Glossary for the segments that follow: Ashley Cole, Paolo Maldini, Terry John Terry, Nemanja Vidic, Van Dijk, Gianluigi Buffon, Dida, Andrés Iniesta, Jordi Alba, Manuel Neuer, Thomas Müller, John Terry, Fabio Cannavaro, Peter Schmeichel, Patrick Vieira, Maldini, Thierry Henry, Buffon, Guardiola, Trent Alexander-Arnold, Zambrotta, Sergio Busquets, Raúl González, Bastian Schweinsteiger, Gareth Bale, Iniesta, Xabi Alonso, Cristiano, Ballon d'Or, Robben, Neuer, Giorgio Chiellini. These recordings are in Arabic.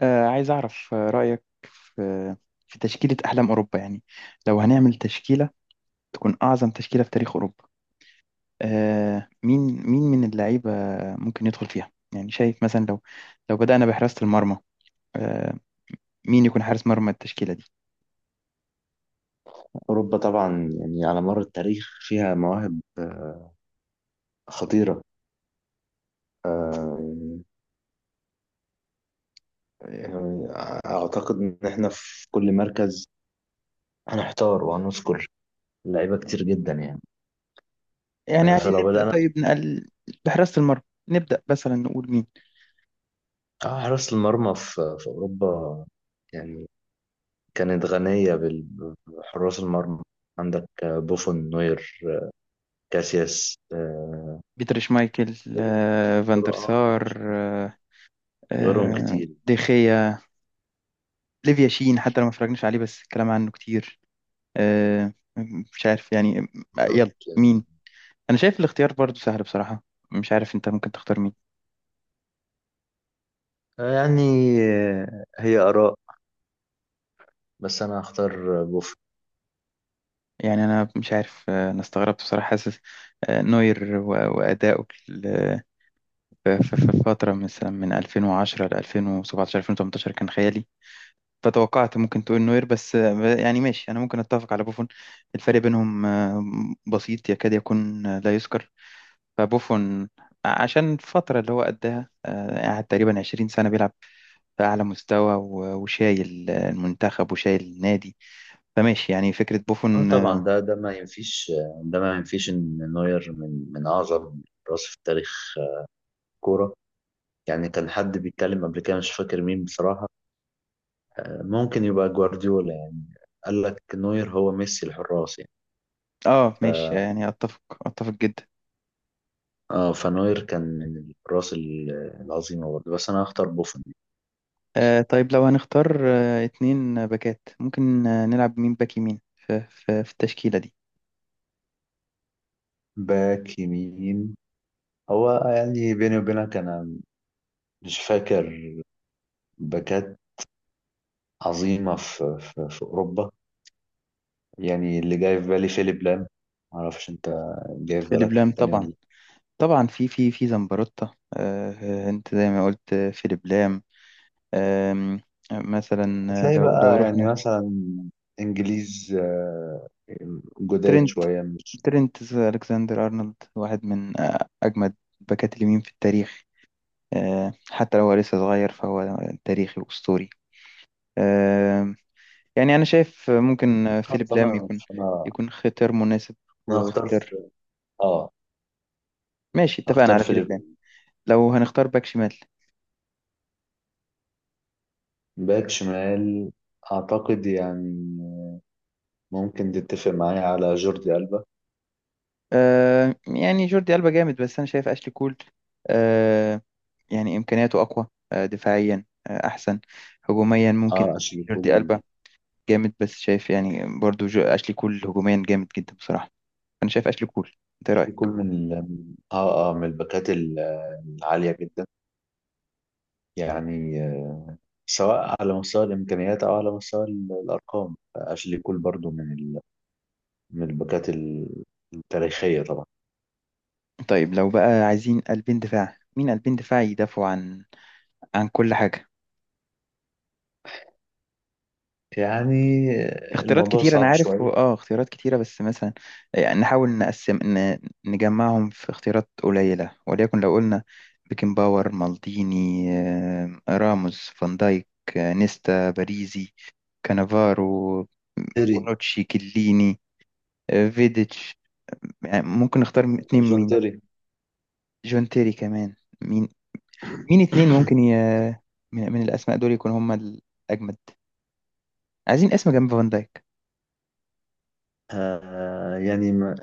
عايز أعرف رأيك في تشكيلة أحلام أوروبا، يعني لو هنعمل تشكيلة تكون أعظم تشكيلة في تاريخ أوروبا. آه، مين مين من اللعيبة ممكن يدخل فيها؟ يعني شايف مثلا لو بدأنا بحراسة المرمى، آه، مين يكون حارس مرمى التشكيلة دي؟ أوروبا طبعا، يعني على مر التاريخ فيها مواهب خطيرة. آه، يعني أعتقد إن إحنا في كل مركز هنحتار وهنذكر لعيبة كتير جدا، يعني يعني عايزين فلو نبدأ، بدأنا طيب نقل بحراسة المرمى، نبدأ مثلا نقول مين. حراس المرمى في أوروبا، يعني كانت غنية بحراس المرمى. عندك بوفون، نوير، كاسياس، بيتر شمايكل، غيرهم، فان دير بيتر سار، شمايكل، غيرهم آه، كتير. ديخيا، ليفيا شين، حتى لو ما اتفرجناش عليه بس الكلام عنه كتير. آه، مش عارف يعني. بالظبط، يلا يعني مين؟ انا شايف الاختيار برضو سهل بصراحة، مش عارف انت ممكن تختار مين. يعني هي آراء، بس انا هختار بوفون. يعني انا مش عارف، انا استغربت بصراحة. حاسس نوير واداؤه في في فترة مثلا من 2010 ل 2017 2018 كان خيالي، فتوقعت ممكن تقول نوير، بس يعني ماشي، انا ممكن اتفق على بوفون. الفرق بينهم بسيط، يكاد يكون لا يذكر. فبوفون عشان الفترة اللي هو قدها، قعد تقريبا 20 سنة بيلعب في أعلى مستوى، وشايل المنتخب وشايل النادي. فماشي يعني فكرة اه، بوفون. طبعا ده ما ينفيش، ده ما ينفيش ان نوير من اعظم راس في تاريخ الكوره. يعني كان حد بيتكلم قبل كده، مش فاكر مين بصراحه، ممكن يبقى جوارديولا، يعني قال لك نوير هو ميسي الحراس، يعني آه ماشي، يعني أتفق، أتفق جدا. اه، فنوير كان من الحراس العظيمه برضه، بس انا هختار بوفون. آه طيب، لو هنختار آه اتنين باكات، ممكن آه نلعب مين باك يمين في التشكيلة دي؟ باك يمين، هو يعني بيني وبينك انا مش فاكر باكات عظيمه في اوروبا. يعني اللي جاي في بالي فيليب لام. معرفش انت جاي في فيليب بالك حد لام تاني ولا طبعا، لأ. طبعا في زمبروتا. أنت زي ما قلت فيليب لام. آم، مثلا هتلاقي لو بقى، يعني رحنا مثلا انجليز جداد ترينت، شوية، مش ترينت ألكسندر أرنولد، واحد من أجمد باكات اليمين في التاريخ. حتى لو هو لسه صغير، فهو تاريخي وأسطوري. آه، يعني أنا شايف ممكن آه، فيليب لام فانا يكون فانا يكون اختيار مناسب انا هختار واختيار. في- اه ماشي، اتفقنا هختار على فيليب فيليب لام. لام. لو هنختار باك شمال، باك شمال، اعتقد يعني ممكن تتفق معايا على جوردي ألبا. يعني جوردي ألبا جامد، بس أنا شايف أشلي كول آه، يعني إمكانياته أقوى، دفاعيا أحسن، هجوميا ممكن. اه، اشيل جوردي ألبا كل جامد، بس شايف يعني برضو أشلي كول هجوميا جامد جدا بصراحة. أنا شايف أشلي كول. أنت إيه اشيل كل رأيك؟ من الباكات العالية جدا. يعني سواء على مستوى الإمكانيات أو على مستوى الأرقام. أشلي كول برضو من الباكات التاريخية طبعا. طيب لو بقى عايزين قلبين دفاع، مين قلبين دفاع يدافعوا عن عن كل حاجة؟ يعني اختيارات الموضوع كتيرة أنا صعب عارف، شوية. اختيارات كتيرة بس مثلا، يعني نحاول نقسم نجمعهم في اختيارات قليلة. وليكن لو قلنا بيكنباور، مالديني، راموس، فان دايك، نيستا، باريزي، كانافارو، تيري. بونوتشي، كيليني، فيديتش. يعني ممكن نختار اتنين جون مين؟ تيري. جون تيري كمان. مين مين اتنين ممكن من... من الأسماء دول يكون هما الأجمد؟ عايزين اسم جنب فان دايك. يعني ما...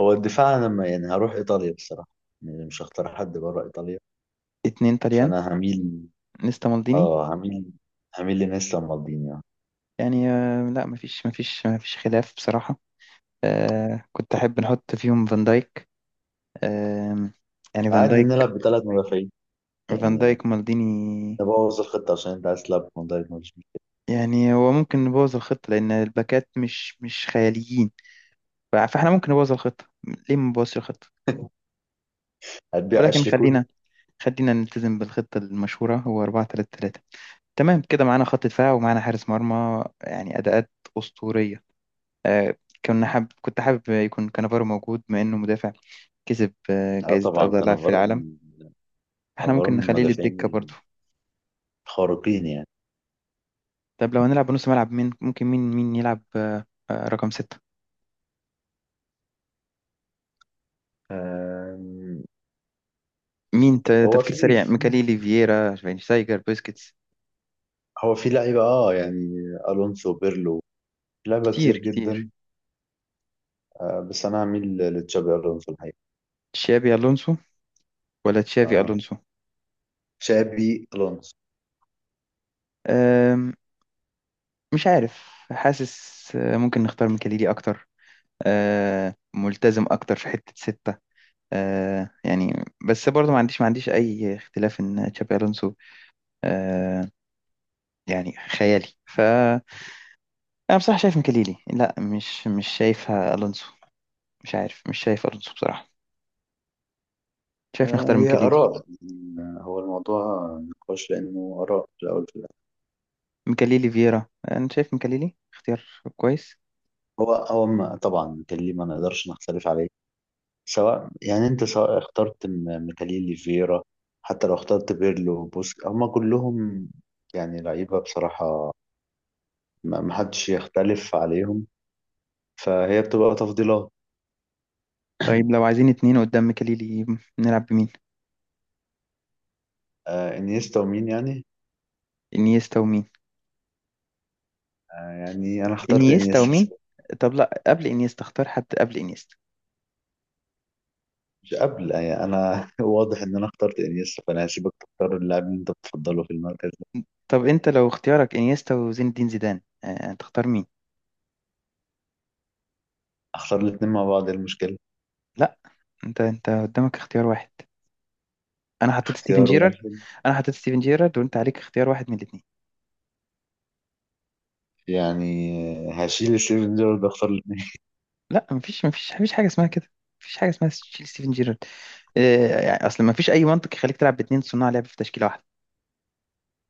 هو الدفاع. أنا ما يعني هروح إيطاليا بصراحة. يعني مش هختار حد بره إيطاليا، اتنين طليان فأنا هميل نيستا مالديني، آه هميل هميل لناس مالديني، يعني. يعني لا، مفيش خلاف بصراحة. آه كنت أحب نحط فيهم فان دايك، آه يعني فان عادي دايك، نلعب بثلاث مدافعين، فان يعني دايك مالديني. نبوظ الخطة عشان أنت عايز تلعب بفان دايك يعني هو ممكن نبوظ الخطة لأن الباكات مش مش خياليين، فاحنا ممكن نبوظ الخطة، ليه ما نبوظش الخطة؟ هتبيع ولكن أشلي كول. خلينا، خلينا نلتزم بالخطة المشهورة هو 4 3 3. تمام كده، معانا خط دفاع ومعانا حارس مرمى، يعني أداءات أسطورية. آه، كنا حاب، كنت حابب يكون كانافارو موجود، بما انه مدافع كسب اه، جائزة طبعا افضل لاعب في كانافارو العالم. احنا يعتبر ممكن من نخليه المدافعين للدكة برضو. الخارقين، يعني. طب لو هنلعب بنص ملعب، مين ممكن مين مين يلعب رقم ستة؟ آم، مين هو تفكير في سريع، في ميكاليلي، فييرا، شفاينشتايجر، بوسكيتس. هو في لعيبة. اه، يعني الونسو، بيرلو، في لعيبة كتير كتير كتير. جدا. بس انا هميل لتشابي الونسو الحقيقة. تشابي الونسو ولا تشافي آه الونسو؟ تشابي الونسو. آم، مش عارف. حاسس ممكن نختار ميكاليلي اكتر، ملتزم اكتر في حتة ستة. يعني بس برضو ما عنديش اي اختلاف ان تشابي الونسو آه يعني خيالي. فأنا بصراحة شايف مكليلي، لا مش مش شايفها ألونسو. مش عارف، مش شايف ألونسو بصراحة، شايف نختار هي مكليلي. اراء، يعني هو الموضوع نقاش لانه اراء في الاول في الاخر. مكليلي فييرا، أنا شايف مكليلي اختيار كويس. هو هو ما- طبعا ميكاليلي ما نقدرش نختلف عليه. سواء، يعني انت سواء اخترت ميكاليلي، فيرا. حتى لو اخترت بيرلو، بوسك، هما كلهم يعني لعيبة بصراحة، ما حدش يختلف عليهم، فهي بتبقى تفضيلات. طيب لو عايزين اتنين قدام مكليلي، نلعب بمين؟ انيستا ومين، يعني انيستا ومين. يعني انا اخترت انيستا انيستا، ومين. سيبك. طب لا، قبل انيستا، اختار حد قبل انيستا. مش قبل، يعني انا. واضح ان انا اخترت انيستا، فانا هسيبك تختار اللاعب اللي انت بتفضله في المركز ده. طب انت لو اختيارك انيستا وزين الدين زيدان، تختار مين؟ اختار الاثنين مع بعض. إيه المشكله؟ لا، انت قدامك اختيار واحد، انا حطيت ستيفن اختيار جيرارد. واحد، انا حطيت ستيفن جيرارد، وانت عليك اختيار واحد من الاتنين. يعني هشيل ستيفن جيرارد، اختار الاثنين. لا، مفيش حاجه اسمها كده، مفيش حاجه اسمها تشيل ستيفن جيرارد. يعني اصل مفيش اي منطق يخليك تلعب باتنين صناع لعب في تشكيله واحده.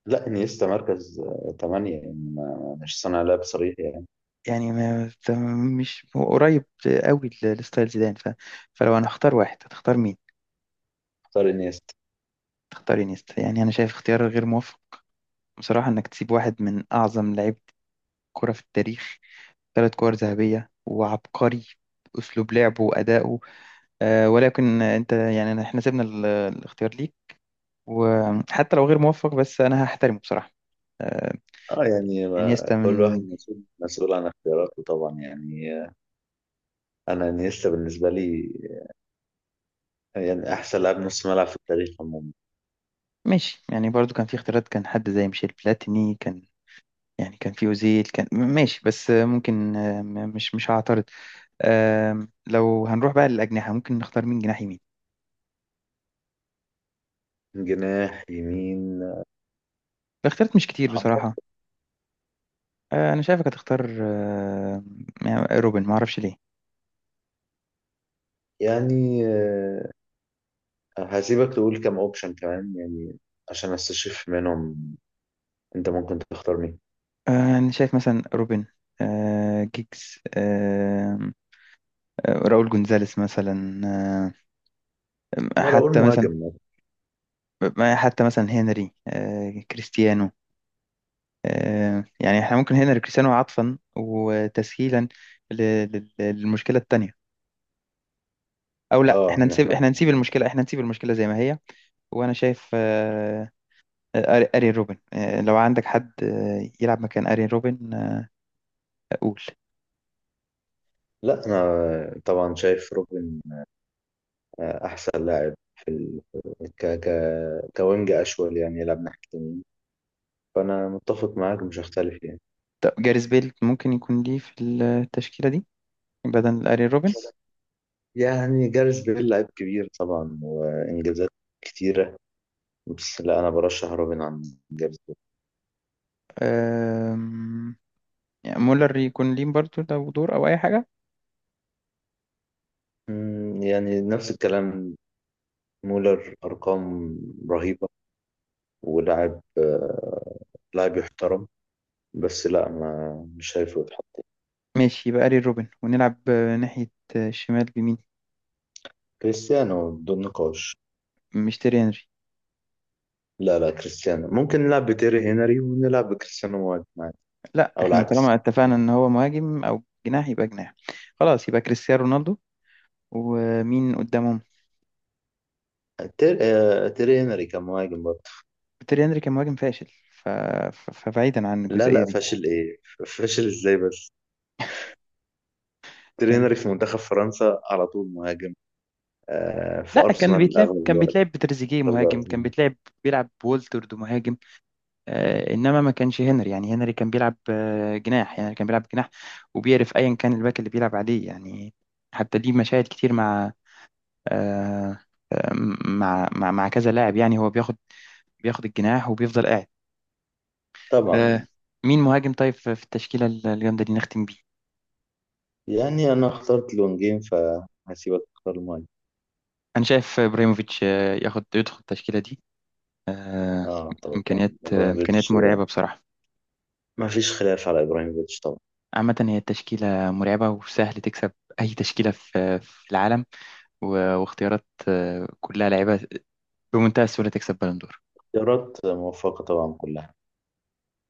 لا، انيستا مركز تمانية، يعني مش صانع لعب صريح، يعني. يعني ما ت- مش هو قريب قوي لستايل زيدان. فلو انا هختار واحد، هتختار مين؟ اختار انيستا. تختار انيستا؟ يعني انا شايف اختيار غير موفق بصراحه، انك تسيب واحد من اعظم لعيبه كره في التاريخ، ثلاث كور ذهبيه وعبقري اسلوب لعبه وادائه. أه ولكن انت يعني احنا سيبنا الاختيار ليك، وحتى لو غير موفق بس انا هحترمه بصراحه. آه، اه، يعني انيستا كل واحد من. مسؤول عن اختياراته طبعا، يعني انا، انيستا بالنسبه لي يعني أحسن لاعب نص ملعب في التاريخ عموما. ماشي، يعني برضو كان في اختيارات، كان حد زي ميشيل بلاتيني كان، يعني كان في اوزيل كان، ماشي بس ممكن، مش مش هعترض. لو هنروح بقى للأجنحة، ممكن نختار مين جناح يمين؟ جناح يمين. الاختيارات مش كتير أعتقد، بصراحة. انا شايفك هتختار يعني روبن، ما اعرفش ليه. يعني هسيبك تقول كم أوبشن كمان، يعني عشان أستشف منهم أنت ممكن تختار مين. انا شايف مثلا روبن، جيجز، راؤول جونزاليس مثلا أنا أقول حتى مثلا، مهاجم مثلاً. حتى مثلا هنري، كريستيانو. يعني احنا ممكن هنا لكريستيانو عطفا وتسهيلا ل- للمشكله التانيه. او لا، احنا إن نسيب، إحنا. احنا نسيب المشكله، احنا نسيب المشكله زي ما هي. وانا شايف ارين روبن. لو عندك حد يلعب مكان ارين روبن، قول. لا، أنا طبعا شايف روبن أحسن لاعب في ال... ك... ك... كوينج أشول، يعني يلعب ناحية اليمين، فأنا متفق معاك، مش هختلف يعني. طب جاريس بيل ممكن يكون ليه في التشكيله دي بدل ارين روبن؟ يعني جاريث بيل لعيب كبير طبعا، وإنجازات كتيرة، بس لا، أنا برشح روبن عن جاريث بيل. آم، يعني مولر يكون ليه برضه لو دور او اي حاجه؟ مم، يعني نفس الكلام. مولر أرقام رهيبة، ولاعب آه، لاعب يحترم، بس لا ما مش شايفه يتحط. ماشي يبقى ارين روبن، ونلعب ناحيه الشمال بمين؟ كريستيانو بدون نقاش. مش تيري هنري. لا، لا، كريستيانو، ممكن نلعب بتيري هنري ونلعب بكريستيانو مهاجم عادي، لا، أو احنا طالما العكس. اتفقنا ان هو مهاجم او جناح، يبقى جناح. خلاص يبقى كريستيانو رونالدو. ومين قدامهم؟ تيري هنري كان مهاجم برضه. تيري هنري كان مهاجم فاشل. ف... فبعيدا عن لا، الجزئية لا، دي، فاشل ايه؟ فاشل ازاي بس؟ تيري يعني. هنري في منتخب فرنسا على طول مهاجم. في لا كان ارسنال بيتلعب، اغلب كان الوقت، بيتلعب بتريزيجيه أغلب مهاجم، الوقت كان مهاجم. بيتلعب، بيلعب بولترد مهاجم. آه انما ما كانش هنري، يعني هنري كان بيلعب آه جناح، يعني كان بيلعب جناح، وبيعرف ايا كان الباك اللي بيلعب عليه، يعني حتى دي مشاهد كتير مع آه آه، مع كذا لاعب. يعني هو بياخد، بياخد الجناح وبيفضل قاعد. آه. طبعا. مين مهاجم طيب في التشكيلة الجامدة دي، نختم بيه؟ يعني انا اخترت لونجين، فهسيبك تختار الماي. أنا شايف إبراهيموفيتش ياخد، يدخل التشكيلة دي. آه اه، طبعا إمكانيات ابراهيموفيتش. مرعبة بصراحة. ما فيش خلاف على ابراهيموفيتش طبعا. عامة هي التشكيلة مرعبة، وسهل تكسب أي تشكيلة في العالم. واختيارات كلها لعيبة، بمنتهى السهولة تكسب بالون دور. اختيارات موفقة طبعا كلها.